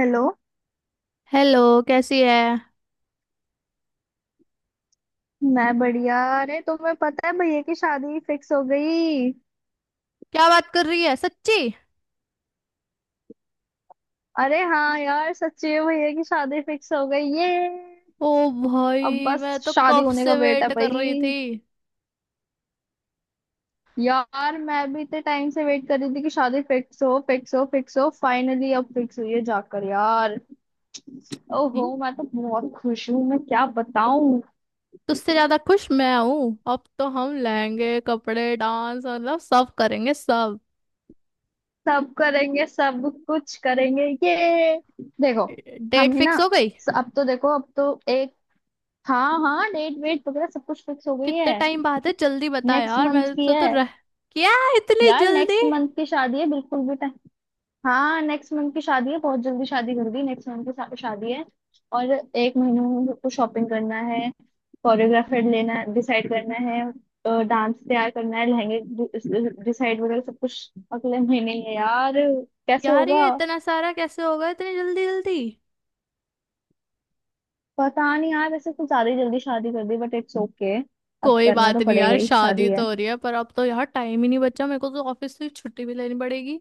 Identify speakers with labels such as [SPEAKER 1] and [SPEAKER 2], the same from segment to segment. [SPEAKER 1] Hello.
[SPEAKER 2] Hello. कैसी है?
[SPEAKER 1] मैं बढ़िया। अरे तुम्हें पता है भैया की शादी फिक्स हो गई।
[SPEAKER 2] क्या बात कर रही है, सच्ची?
[SPEAKER 1] अरे हाँ यार, सच्ची में भैया की शादी फिक्स हो गई ये।
[SPEAKER 2] ओ
[SPEAKER 1] अब
[SPEAKER 2] भाई, मैं
[SPEAKER 1] बस
[SPEAKER 2] तो
[SPEAKER 1] शादी
[SPEAKER 2] कब
[SPEAKER 1] होने का
[SPEAKER 2] से
[SPEAKER 1] वेट है
[SPEAKER 2] वेट कर
[SPEAKER 1] भाई।
[SPEAKER 2] रही थी।
[SPEAKER 1] यार मैं भी इतने टाइम से वेट कर रही थी कि शादी फिक्स हो, फिक्स हो, फिक्स हो, फाइनली अब फिक्स हुई है जाकर यार। ओहो
[SPEAKER 2] हम्म।
[SPEAKER 1] मैं तो बहुत खुश हूँ, मैं क्या बताऊं।
[SPEAKER 2] तुझसे ज्यादा खुश मैं हूँ, अब तो हम लहंगे कपड़े डांस मतलब सब करेंगे सब।
[SPEAKER 1] सब करेंगे सब, कुछ करेंगे ये। देखो,
[SPEAKER 2] डेट
[SPEAKER 1] हम ही ना।
[SPEAKER 2] फिक्स हो गई?
[SPEAKER 1] अब तो देखो, अब तो एक, हाँ हाँ डेट वेट वगैरह सब कुछ फिक्स हो गई
[SPEAKER 2] कितने
[SPEAKER 1] है।
[SPEAKER 2] टाइम बाद है, जल्दी बता
[SPEAKER 1] नेक्स्ट
[SPEAKER 2] यार,
[SPEAKER 1] मंथ
[SPEAKER 2] मैं
[SPEAKER 1] की
[SPEAKER 2] तो
[SPEAKER 1] है।
[SPEAKER 2] रह। क्या? इतनी
[SPEAKER 1] यार
[SPEAKER 2] जल्दी?
[SPEAKER 1] नेक्स्ट मंथ की शादी है, बिल्कुल भी टाइम। हाँ नेक्स्ट मंथ की शादी है, बहुत जल्दी शादी कर दी, नेक्स्ट मंथ की शादी है। और एक महीने में हम सबको शॉपिंग करना है, कोरियोग्राफर लेना डिसाइड करना है, डांस तैयार करना है, लहंगे डिसाइड वगैरह सब कुछ अगले महीने ही है यार। कैसे
[SPEAKER 2] यार ये
[SPEAKER 1] होगा।
[SPEAKER 2] इतना सारा कैसे हो गया, इतनी जल्दी जल्दी।
[SPEAKER 1] पता नहीं यार, वैसे कुछ ज्यादा ही जल्दी शादी कर दी, बट इट्स ओके। अब
[SPEAKER 2] कोई
[SPEAKER 1] करना
[SPEAKER 2] बात
[SPEAKER 1] तो
[SPEAKER 2] नहीं
[SPEAKER 1] पड़ेगा
[SPEAKER 2] यार,
[SPEAKER 1] ही,
[SPEAKER 2] शादी
[SPEAKER 1] शादी
[SPEAKER 2] तो
[SPEAKER 1] है।
[SPEAKER 2] हो रही है, पर अब तो यार टाइम ही नहीं बचा, मेरे को तो ऑफिस से छुट्टी भी लेनी पड़ेगी।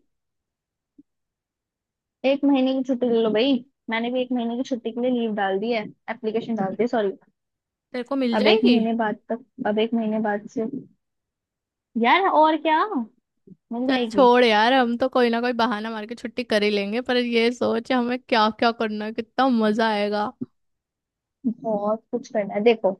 [SPEAKER 1] एक महीने की छुट्टी ले लो भाई। मैंने भी एक महीने की छुट्टी के लिए लीव डाल दी है, एप्लीकेशन डाल दी है, सॉरी।
[SPEAKER 2] तेरे को मिल
[SPEAKER 1] अब एक
[SPEAKER 2] जाएगी?
[SPEAKER 1] महीने बाद तक, अब एक महीने बाद से, यार और क्या। मिल
[SPEAKER 2] चल
[SPEAKER 1] जाएगी।
[SPEAKER 2] छोड़ यार, हम तो कोई ना कोई बहाना मार के छुट्टी कर ही लेंगे, पर ये सोच हमें क्या क्या करना है, कितना मजा आएगा।
[SPEAKER 1] बहुत कुछ करना है, देखो।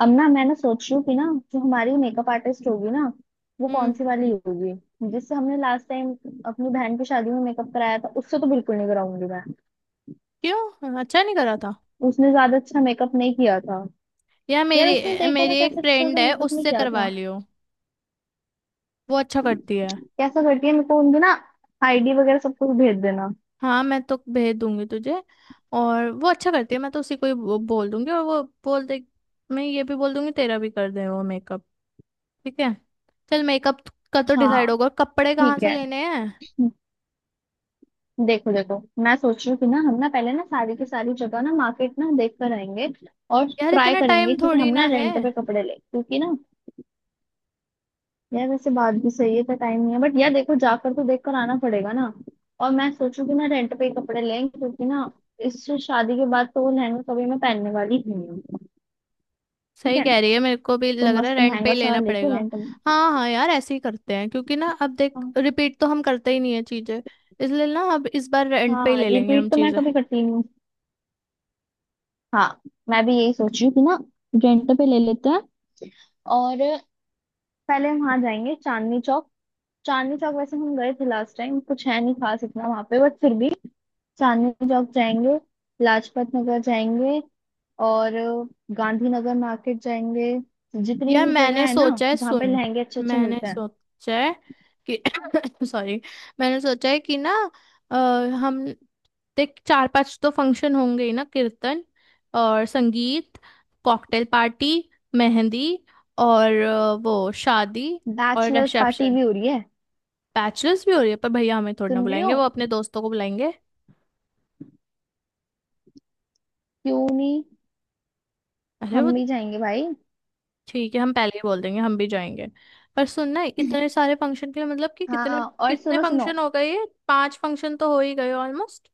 [SPEAKER 1] अब ना मैं ना सोच रही हूँ कि ना, जो हमारी मेकअप आर्टिस्ट होगी ना, वो कौन
[SPEAKER 2] हम्म।
[SPEAKER 1] सी वाली होगी, जिससे हमने लास्ट टाइम अपनी बहन की शादी में मेकअप कराया था, उससे तो बिल्कुल नहीं कराऊंगी मैं।
[SPEAKER 2] क्यों, अच्छा नहीं करा था?
[SPEAKER 1] उसने ज्यादा अच्छा मेकअप नहीं किया था।
[SPEAKER 2] यार
[SPEAKER 1] यार उसने
[SPEAKER 2] मेरी
[SPEAKER 1] देखो
[SPEAKER 2] मेरी
[SPEAKER 1] ना,
[SPEAKER 2] एक
[SPEAKER 1] कैसे अच्छा
[SPEAKER 2] फ्रेंड
[SPEAKER 1] सा
[SPEAKER 2] है,
[SPEAKER 1] मेकअप नहीं
[SPEAKER 2] उससे
[SPEAKER 1] किया
[SPEAKER 2] करवा
[SPEAKER 1] था।
[SPEAKER 2] लियो। वो अच्छा करती है।
[SPEAKER 1] कैसा करती है, मेरे को उनकी ना आईडी वगैरह सब कुछ भेज देना।
[SPEAKER 2] हाँ मैं तो भेज दूंगी तुझे। और वो अच्छा करती है, मैं तो उसी को ही बोल दूंगी, और वो बोल दे। मैं ये भी बोल दूंगी तेरा भी कर दे वो मेकअप। ठीक है। चल, मेकअप का तो
[SPEAKER 1] हाँ,
[SPEAKER 2] डिसाइड होगा, कपड़े कहाँ
[SPEAKER 1] ठीक
[SPEAKER 2] से
[SPEAKER 1] है।
[SPEAKER 2] लेने हैं?
[SPEAKER 1] देखो देखो, मैं सोच रही हूँ कि ना, हम ना पहले ना सारी की सारी जगह ना मार्केट ना देख कर आएंगे। और
[SPEAKER 2] यार
[SPEAKER 1] ट्राई
[SPEAKER 2] इतना
[SPEAKER 1] करेंगे
[SPEAKER 2] टाइम
[SPEAKER 1] कि हम
[SPEAKER 2] थोड़ी ना
[SPEAKER 1] ना
[SPEAKER 2] है।
[SPEAKER 1] रेंट पे कपड़े ले, क्योंकि ना, यार वैसे बात भी सही है, तो टाइम नहीं है, बट यार देखो जाकर तो देख कर आना पड़ेगा ना। और मैं सोचू कि ना रेंट पे ही कपड़े लें, क्योंकि ना इस शादी के बाद तो वो लहंगा कभी मैं पहनने वाली ही नहीं हूँ। ठीक
[SPEAKER 2] सही
[SPEAKER 1] है,
[SPEAKER 2] कह रही है, मेरे को भी
[SPEAKER 1] तो
[SPEAKER 2] लग रहा है
[SPEAKER 1] मस्त
[SPEAKER 2] रेंट पे ही
[SPEAKER 1] महंगा सा
[SPEAKER 2] लेना
[SPEAKER 1] लेके
[SPEAKER 2] पड़ेगा।
[SPEAKER 1] रेंट में।
[SPEAKER 2] हाँ हाँ यार ऐसे ही करते हैं, क्योंकि ना अब देख रिपीट तो हम करते ही नहीं है चीजें, इसलिए ना अब इस बार रेंट पे ही
[SPEAKER 1] हाँ
[SPEAKER 2] ले लेंगे हम
[SPEAKER 1] रिपीट तो मैं
[SPEAKER 2] चीजें।
[SPEAKER 1] कभी करती नहीं हूँ। हाँ, मैं भी यही सोच रही हूँ कि ना रेंट पे ले लेते हैं। और पहले हम वहां जाएंगे चांदनी चौक। चांदनी चौक वैसे हम गए थे लास्ट टाइम, कुछ है नहीं खास इतना वहां पे, बट फिर भी चांदनी चौक जाएंगे, लाजपत नगर जाएंगे, और गांधीनगर मार्केट जाएंगे। जितनी
[SPEAKER 2] यार
[SPEAKER 1] भी जगह
[SPEAKER 2] मैंने
[SPEAKER 1] है ना
[SPEAKER 2] सोचा है,
[SPEAKER 1] जहाँ पे
[SPEAKER 2] सुन।
[SPEAKER 1] लहंगे अच्छे अच्छे
[SPEAKER 2] मैंने
[SPEAKER 1] मिलते हैं।
[SPEAKER 2] सोचा है कि सॉरी। मैंने सोचा है कि ना, अ, हम देख चार पांच तो फंक्शन होंगे ही ना, कीर्तन और संगीत, कॉकटेल पार्टी, मेहंदी, और वो शादी, और
[SPEAKER 1] बैचलर्स पार्टी
[SPEAKER 2] रिसेप्शन।
[SPEAKER 1] भी हो रही है।
[SPEAKER 2] बैचलर्स भी हो रही है, पर भैया हमें थोड़ी ना
[SPEAKER 1] सुन रही हो।
[SPEAKER 2] बुलाएंगे, वो अपने दोस्तों को बुलाएंगे।
[SPEAKER 1] क्यों नहीं,
[SPEAKER 2] अरे वो।
[SPEAKER 1] हम भी जाएंगे भाई।
[SPEAKER 2] ठीक है, हम पहले ही बोल देंगे हम भी जाएंगे। पर सुनना, इतने सारे फंक्शन के लिए मतलब कि कितने
[SPEAKER 1] हाँ और
[SPEAKER 2] कितने
[SPEAKER 1] सुनो सुनो।
[SPEAKER 2] फंक्शन हो गए, ये पांच फंक्शन तो हो ही गए ऑलमोस्ट।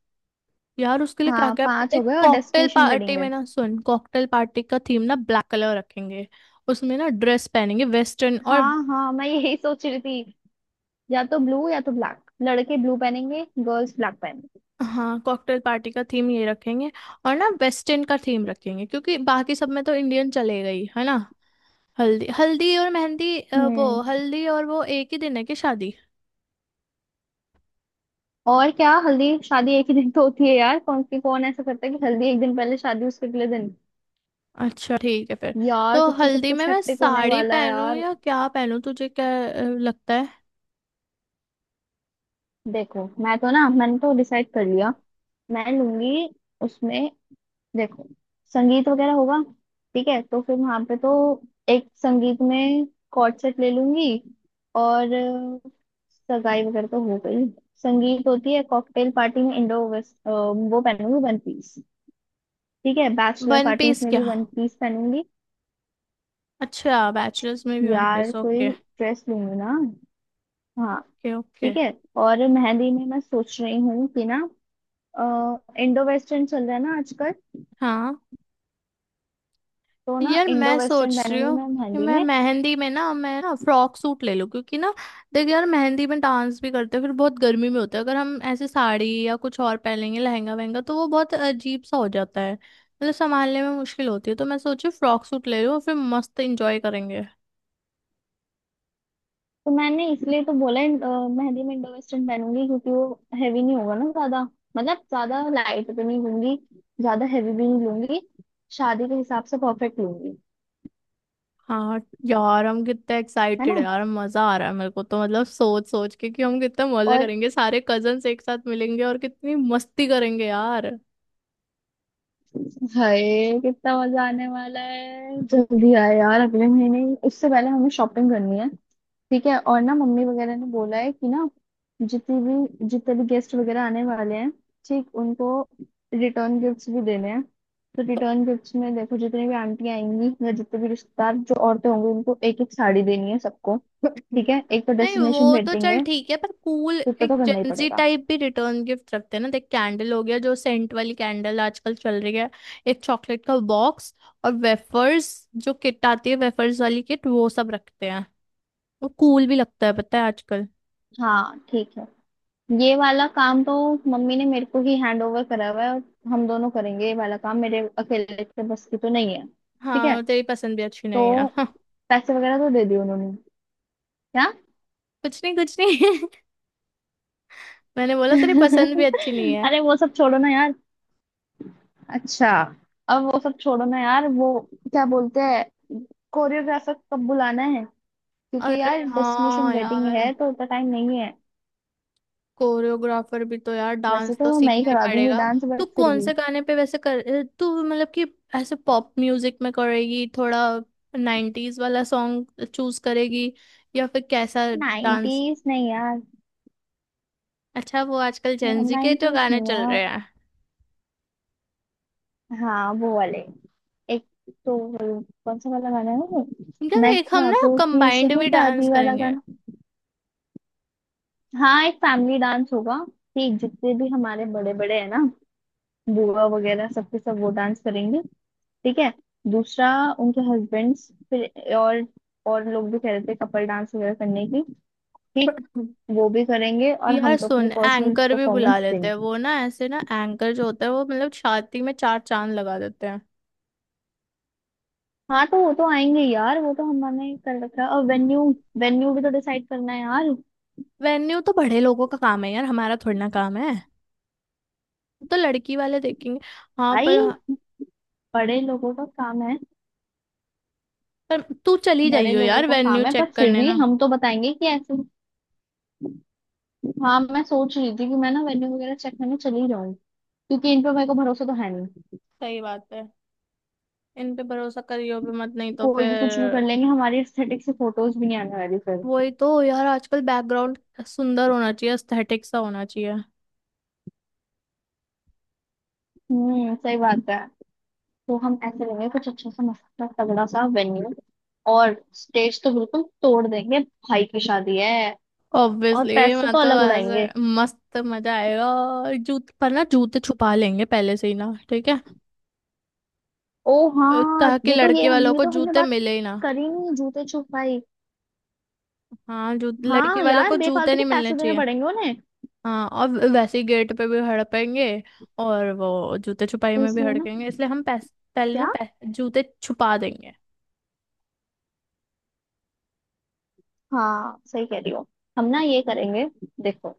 [SPEAKER 2] यार उसके लिए क्या
[SPEAKER 1] हाँ
[SPEAKER 2] क्या।
[SPEAKER 1] पांच हो
[SPEAKER 2] एक
[SPEAKER 1] गए और
[SPEAKER 2] कॉकटेल
[SPEAKER 1] डेस्टिनेशन वेडिंग
[SPEAKER 2] पार्टी
[SPEAKER 1] है।
[SPEAKER 2] में ना, सुन, कॉकटेल पार्टी का थीम ना ब्लैक कलर रखेंगे, उसमें ना ड्रेस पहनेंगे वेस्टर्न। और
[SPEAKER 1] हाँ हाँ, मैं यही सोच रही थी, या तो ब्लू या तो ब्लैक, लड़के ब्लू पहनेंगे, गर्ल्स ब्लैक पहनेंगे।
[SPEAKER 2] हाँ, कॉकटेल पार्टी का थीम ये रखेंगे। और ना वेस्टर्न का थीम रखेंगे, क्योंकि बाकी सब में तो इंडियन चलेगा ही है ना। हल्दी, हल्दी और मेहंदी,
[SPEAKER 1] हम्म।
[SPEAKER 2] वो हल्दी और वो एक ही दिन है कि शादी?
[SPEAKER 1] और क्या, हल्दी शादी एक ही दिन तो होती है यार, कौन सी कौन ऐसा करता है कि हल्दी एक दिन पहले शादी उसके अगले दिन।
[SPEAKER 2] अच्छा, ठीक है फिर।
[SPEAKER 1] यार
[SPEAKER 2] तो
[SPEAKER 1] फिर तो सब
[SPEAKER 2] हल्दी में
[SPEAKER 1] कुछ
[SPEAKER 2] मैं
[SPEAKER 1] हेक्टिक होने
[SPEAKER 2] साड़ी
[SPEAKER 1] वाला है
[SPEAKER 2] पहनूं
[SPEAKER 1] यार।
[SPEAKER 2] या क्या पहनूं, तुझे क्या लगता है?
[SPEAKER 1] देखो मैं तो ना, मैंने तो डिसाइड कर लिया, मैं लूंगी उसमें। देखो संगीत वगैरह होगा, ठीक है, तो फिर वहां पे तो, एक संगीत में कॉर्ड सेट ले लूंगी, और सगाई वगैरह तो हो गई। संगीत होती है, कॉकटेल पार्टी में इंडो वेस्ट वो पहनूंगी, वन पीस। ठीक है, बैचलर
[SPEAKER 2] वन
[SPEAKER 1] पार्टीज
[SPEAKER 2] पीस?
[SPEAKER 1] में भी
[SPEAKER 2] क्या?
[SPEAKER 1] वन पीस पहनूंगी।
[SPEAKER 2] अच्छा, बैचलर्स में भी वन
[SPEAKER 1] यार
[SPEAKER 2] पीस,
[SPEAKER 1] कोई
[SPEAKER 2] ओके।
[SPEAKER 1] ड्रेस लूंगी ना। हाँ,
[SPEAKER 2] ओके ओके।
[SPEAKER 1] ठीक है। और मेहंदी में मैं सोच रही हूँ कि ना, इंडो वेस्टर्न चल रहा है ना आजकल,
[SPEAKER 2] हाँ।
[SPEAKER 1] तो ना
[SPEAKER 2] यार
[SPEAKER 1] इंडो
[SPEAKER 2] मैं
[SPEAKER 1] वेस्टर्न
[SPEAKER 2] सोच रही
[SPEAKER 1] पहनूंगी
[SPEAKER 2] हूँ
[SPEAKER 1] मैं
[SPEAKER 2] कि
[SPEAKER 1] मेहंदी
[SPEAKER 2] मैं
[SPEAKER 1] में।
[SPEAKER 2] मेहंदी में ना, मैं ना फ्रॉक सूट ले लूँ, क्योंकि ना देख यार, मेहंदी में डांस भी करते हैं, फिर बहुत गर्मी में होता है, अगर हम ऐसे साड़ी या कुछ और पहनेंगे लहंगा वहंगा, तो वो बहुत अजीब सा हो जाता है, मतलब संभालने में मुश्किल होती है, तो मैं सोची फ्रॉक सूट ले लूँ और फिर मस्त इंजॉय करेंगे।
[SPEAKER 1] तो मैंने इसलिए तो बोला मेहंदी में इंडो वेस्टर्न पहनूंगी क्योंकि वो हैवी नहीं होगा ना ज्यादा। मतलब ज्यादा लाइट भी नहीं लूंगी, ज्यादा हैवी भी नहीं लूंगी, शादी के हिसाब से परफेक्ट लूंगी।
[SPEAKER 2] हाँ। यार हम कितने
[SPEAKER 1] है
[SPEAKER 2] एक्साइटेड
[SPEAKER 1] ना।
[SPEAKER 2] है यार, मजा आ रहा है मेरे को तो, मतलब सोच सोच के कि हम कितना मजा
[SPEAKER 1] और
[SPEAKER 2] करेंगे, सारे कजन्स एक साथ मिलेंगे और कितनी मस्ती करेंगे यार।
[SPEAKER 1] हाय, कितना मजा आने वाला है, जल्दी आए यार अगले महीने ही। उससे पहले हमें शॉपिंग करनी है। ठीक है, और ना मम्मी वगैरह ने बोला है कि ना, जितनी भी, जितने भी गेस्ट वगैरह आने वाले हैं, ठीक उनको रिटर्न गिफ्ट्स भी देने हैं। तो रिटर्न गिफ्ट्स में देखो, जितनी भी आंटियां आएंगी या जितने भी रिश्तेदार जो औरतें होंगी, उनको एक एक साड़ी देनी है सबको। ठीक है, एक तो
[SPEAKER 2] नहीं,
[SPEAKER 1] डेस्टिनेशन
[SPEAKER 2] वो तो
[SPEAKER 1] वेडिंग
[SPEAKER 2] चल
[SPEAKER 1] है,
[SPEAKER 2] ठीक है, पर कूल
[SPEAKER 1] तो इतना तो
[SPEAKER 2] एक
[SPEAKER 1] करना ही
[SPEAKER 2] जेंजी
[SPEAKER 1] पड़ेगा।
[SPEAKER 2] टाइप भी रिटर्न गिफ्ट रखते हैं ना, देख, कैंडल हो गया, जो सेंट वाली कैंडल आजकल चल रही है। एक चॉकलेट का बॉक्स और वेफर्स, जो किट आती है वेफर्स वाली किट, वो सब रखते हैं। वो कूल भी लगता है, पता है, आजकल।
[SPEAKER 1] हाँ ठीक है, ये वाला काम तो मम्मी ने मेरे को ही हैंड ओवर करा हुआ है, और हम दोनों करेंगे ये वाला काम, मेरे अकेले के बस की तो नहीं है। ठीक है,
[SPEAKER 2] हाँ, तेरी पसंद भी अच्छी नहीं है,
[SPEAKER 1] तो
[SPEAKER 2] हाँ।
[SPEAKER 1] पैसे वगैरह तो दे दिए उन्होंने। क्या।
[SPEAKER 2] कुछ नहीं, कुछ नहीं। मैंने बोला तेरी पसंद भी अच्छी नहीं है।
[SPEAKER 1] अरे वो सब छोड़ो ना यार। अच्छा, अब वो सब छोड़ो ना यार, वो क्या बोलते हैं, कोरियोग्राफर कब बुलाना है, क्योंकि
[SPEAKER 2] अरे
[SPEAKER 1] यार डेस्टिनेशन
[SPEAKER 2] हाँ
[SPEAKER 1] वेडिंग है,
[SPEAKER 2] यार,
[SPEAKER 1] तो उतना टाइम नहीं है।
[SPEAKER 2] कोरियोग्राफर भी तो यार,
[SPEAKER 1] वैसे
[SPEAKER 2] डांस
[SPEAKER 1] तो
[SPEAKER 2] तो
[SPEAKER 1] मैं ही
[SPEAKER 2] सीखना ही
[SPEAKER 1] करा दूंगी
[SPEAKER 2] पड़ेगा।
[SPEAKER 1] डांस,
[SPEAKER 2] तू
[SPEAKER 1] बट फिर
[SPEAKER 2] कौन
[SPEAKER 1] भी।
[SPEAKER 2] से गाने पे वैसे कर, तू मतलब कि ऐसे पॉप म्यूजिक में करेगी थोड़ा, 90s वाला सॉन्ग चूज करेगी, या फिर कैसा डांस?
[SPEAKER 1] नाइनटीज नहीं यार,
[SPEAKER 2] अच्छा, वो आजकल जेंजी के जो
[SPEAKER 1] नाइनटीज
[SPEAKER 2] गाने
[SPEAKER 1] नहीं
[SPEAKER 2] चल
[SPEAKER 1] यार।
[SPEAKER 2] रहे हैं,
[SPEAKER 1] हाँ वो वाले, एक, तो वो कौन सा वाला गाना है वो,
[SPEAKER 2] इनका
[SPEAKER 1] मैं
[SPEAKER 2] एक हम ना
[SPEAKER 1] ख्वाबों की
[SPEAKER 2] कंबाइंड भी डांस
[SPEAKER 1] शहजादी वाला
[SPEAKER 2] करेंगे।
[SPEAKER 1] गाना। हाँ एक फैमिली डांस होगा, कि जितने भी हमारे बड़े बड़े है ना, बुआ वगैरह सबके सब वो डांस करेंगे। ठीक है, दूसरा, उनके हस्बैंड्स, फिर और लोग भी कह रहे थे कपल डांस वगैरह करने की, ठीक। वो भी करेंगे, और
[SPEAKER 2] यार
[SPEAKER 1] हम तो अपनी
[SPEAKER 2] सुन,
[SPEAKER 1] पर्सनल
[SPEAKER 2] एंकर भी बुला
[SPEAKER 1] परफॉर्मेंस
[SPEAKER 2] लेते हैं,
[SPEAKER 1] देंगे।
[SPEAKER 2] वो ना ऐसे ना एंकर जो होता है वो, मतलब छाती में चार चांद लगा देते हैं।
[SPEAKER 1] हाँ तो वो तो आएंगे यार, वो तो हमने कर रखा है, और वेन्यू, वेन्यू भी तो डिसाइड करना है यार।
[SPEAKER 2] वेन्यू तो बड़े लोगों का काम है यार, हमारा थोड़ी ना काम है। तो लड़की वाले देखेंगे। हाँ पर।
[SPEAKER 1] भाई, बड़े लोगों का काम है,
[SPEAKER 2] पर तू चली
[SPEAKER 1] बड़े
[SPEAKER 2] जाइयो
[SPEAKER 1] लोगों
[SPEAKER 2] यार,
[SPEAKER 1] का
[SPEAKER 2] वेन्यू
[SPEAKER 1] काम है, पर
[SPEAKER 2] चेक
[SPEAKER 1] फिर
[SPEAKER 2] करने
[SPEAKER 1] भी
[SPEAKER 2] ना।
[SPEAKER 1] हम तो बताएंगे कि ऐसे, हाँ मैं सोच रही थी कि मैं ना वेन्यू वगैरह चेक करने चली जाऊँ, क्योंकि इन पर मेरे को भरोसा तो है नहीं।
[SPEAKER 2] सही बात है, इन पे भरोसा करियो भी मत, नहीं तो
[SPEAKER 1] कोई भी कुछ भी
[SPEAKER 2] फिर।
[SPEAKER 1] कर लेंगे, हमारी एस्थेटिक से फोटोज भी नहीं आने वाली फिर।
[SPEAKER 2] वही तो यार, आजकल बैकग्राउंड सुंदर होना चाहिए, एस्थेटिक सा होना चाहिए।
[SPEAKER 1] हम्म, सही बात है। तो हम ऐसे लेंगे कुछ अच्छा सा मस्त सा तगड़ा सा वेन्यू, और स्टेज तो बिल्कुल तोड़ देंगे, भाई की शादी है, और
[SPEAKER 2] ऑब्वियसली
[SPEAKER 1] पैसे
[SPEAKER 2] मैं
[SPEAKER 1] तो
[SPEAKER 2] तो
[SPEAKER 1] अलग
[SPEAKER 2] ऐसे
[SPEAKER 1] उड़ाएंगे।
[SPEAKER 2] मस्त मजा आएगा। और जूते पर ना, जूते छुपा लेंगे पहले से ही ना, ठीक है,
[SPEAKER 1] ओ हाँ,
[SPEAKER 2] ताकि
[SPEAKER 1] ये तो, ये
[SPEAKER 2] लड़के
[SPEAKER 1] हम
[SPEAKER 2] वालों
[SPEAKER 1] ये
[SPEAKER 2] को
[SPEAKER 1] तो हमने
[SPEAKER 2] जूते
[SPEAKER 1] बात
[SPEAKER 2] मिले ही ना।
[SPEAKER 1] करी नहीं, जूते छुपाई।
[SPEAKER 2] हाँ, जू लड़के
[SPEAKER 1] हाँ
[SPEAKER 2] वालों को
[SPEAKER 1] यार,
[SPEAKER 2] जूते
[SPEAKER 1] बेफालतू के
[SPEAKER 2] नहीं मिलने
[SPEAKER 1] पैसे देने
[SPEAKER 2] चाहिए।
[SPEAKER 1] पड़ेंगे उन्हें।
[SPEAKER 2] हाँ, और वैसे ही गेट पे भी हड़पेंगे, और वो जूते छुपाई
[SPEAKER 1] तो
[SPEAKER 2] में भी
[SPEAKER 1] इसलिए ना,
[SPEAKER 2] हड़केंगे, इसलिए हम पहले ना
[SPEAKER 1] क्या,
[SPEAKER 2] जूते छुपा देंगे।
[SPEAKER 1] हाँ सही कह रही हो, हम ना ये करेंगे। देखो,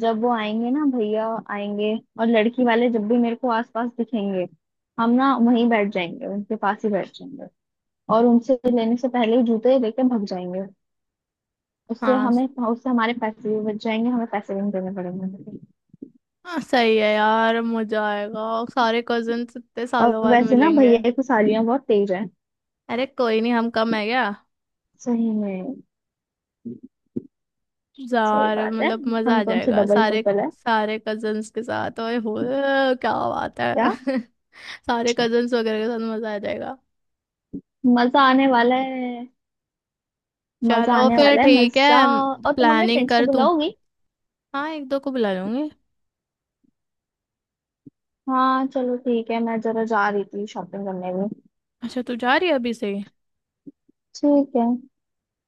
[SPEAKER 1] जब वो आएंगे ना भैया आएंगे, और लड़की वाले जब भी मेरे को आसपास दिखेंगे, हम ना वहीं बैठ जाएंगे, उनके पास ही बैठ जाएंगे, और उनसे लेने से पहले ही जूते लेके भाग जाएंगे। उससे
[SPEAKER 2] हाँ
[SPEAKER 1] हमें, उससे हमारे पैसे भी बच जाएंगे, हमें पैसे भी नहीं देने पड़ेंगे।
[SPEAKER 2] हाँ सही है यार, मजा आएगा और सारे कजिन्स इतने
[SPEAKER 1] और
[SPEAKER 2] सालों बाद
[SPEAKER 1] वैसे ना
[SPEAKER 2] मिलेंगे।
[SPEAKER 1] भैया की सालियाँ बहुत तेज है।
[SPEAKER 2] अरे कोई नहीं, हम कम है क्या।
[SPEAKER 1] सही में, सही
[SPEAKER 2] यार
[SPEAKER 1] बात है।
[SPEAKER 2] मतलब मजा आ
[SPEAKER 1] हम तो उनसे
[SPEAKER 2] जाएगा
[SPEAKER 1] डबल
[SPEAKER 2] सारे।
[SPEAKER 1] ट्रिपल है।
[SPEAKER 2] सारे कजिन्स के साथ, ओए होए, क्या बात है।
[SPEAKER 1] क्या।
[SPEAKER 2] सारे कजिन्स वगैरह के साथ मजा आ जाएगा।
[SPEAKER 1] मजा आने वाला है, मजा
[SPEAKER 2] चलो
[SPEAKER 1] आने
[SPEAKER 2] फिर
[SPEAKER 1] वाला है
[SPEAKER 2] ठीक है।
[SPEAKER 1] मजा। और तुम अपने
[SPEAKER 2] प्लानिंग
[SPEAKER 1] फ्रेंड्स को
[SPEAKER 2] कर तू।
[SPEAKER 1] बुलाओगी।
[SPEAKER 2] हाँ, एक दो को बुला लूंगी।
[SPEAKER 1] हाँ चलो ठीक है, मैं जरा जा रही थी शॉपिंग करने भी।
[SPEAKER 2] अच्छा, तू जा रही है अभी से?
[SPEAKER 1] ठीक है,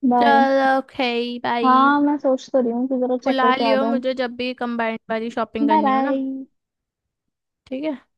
[SPEAKER 1] बाय।
[SPEAKER 2] चलो ओके, बाय।
[SPEAKER 1] हाँ मैं सोच तो रही हूँ कि जरा चेक
[SPEAKER 2] बुला
[SPEAKER 1] करके आ
[SPEAKER 2] लियो
[SPEAKER 1] जाऊँ।
[SPEAKER 2] मुझे जब भी कंबाइंड वाली शॉपिंग
[SPEAKER 1] बाय
[SPEAKER 2] करनी हो ना।
[SPEAKER 1] बाय।
[SPEAKER 2] ठीक है।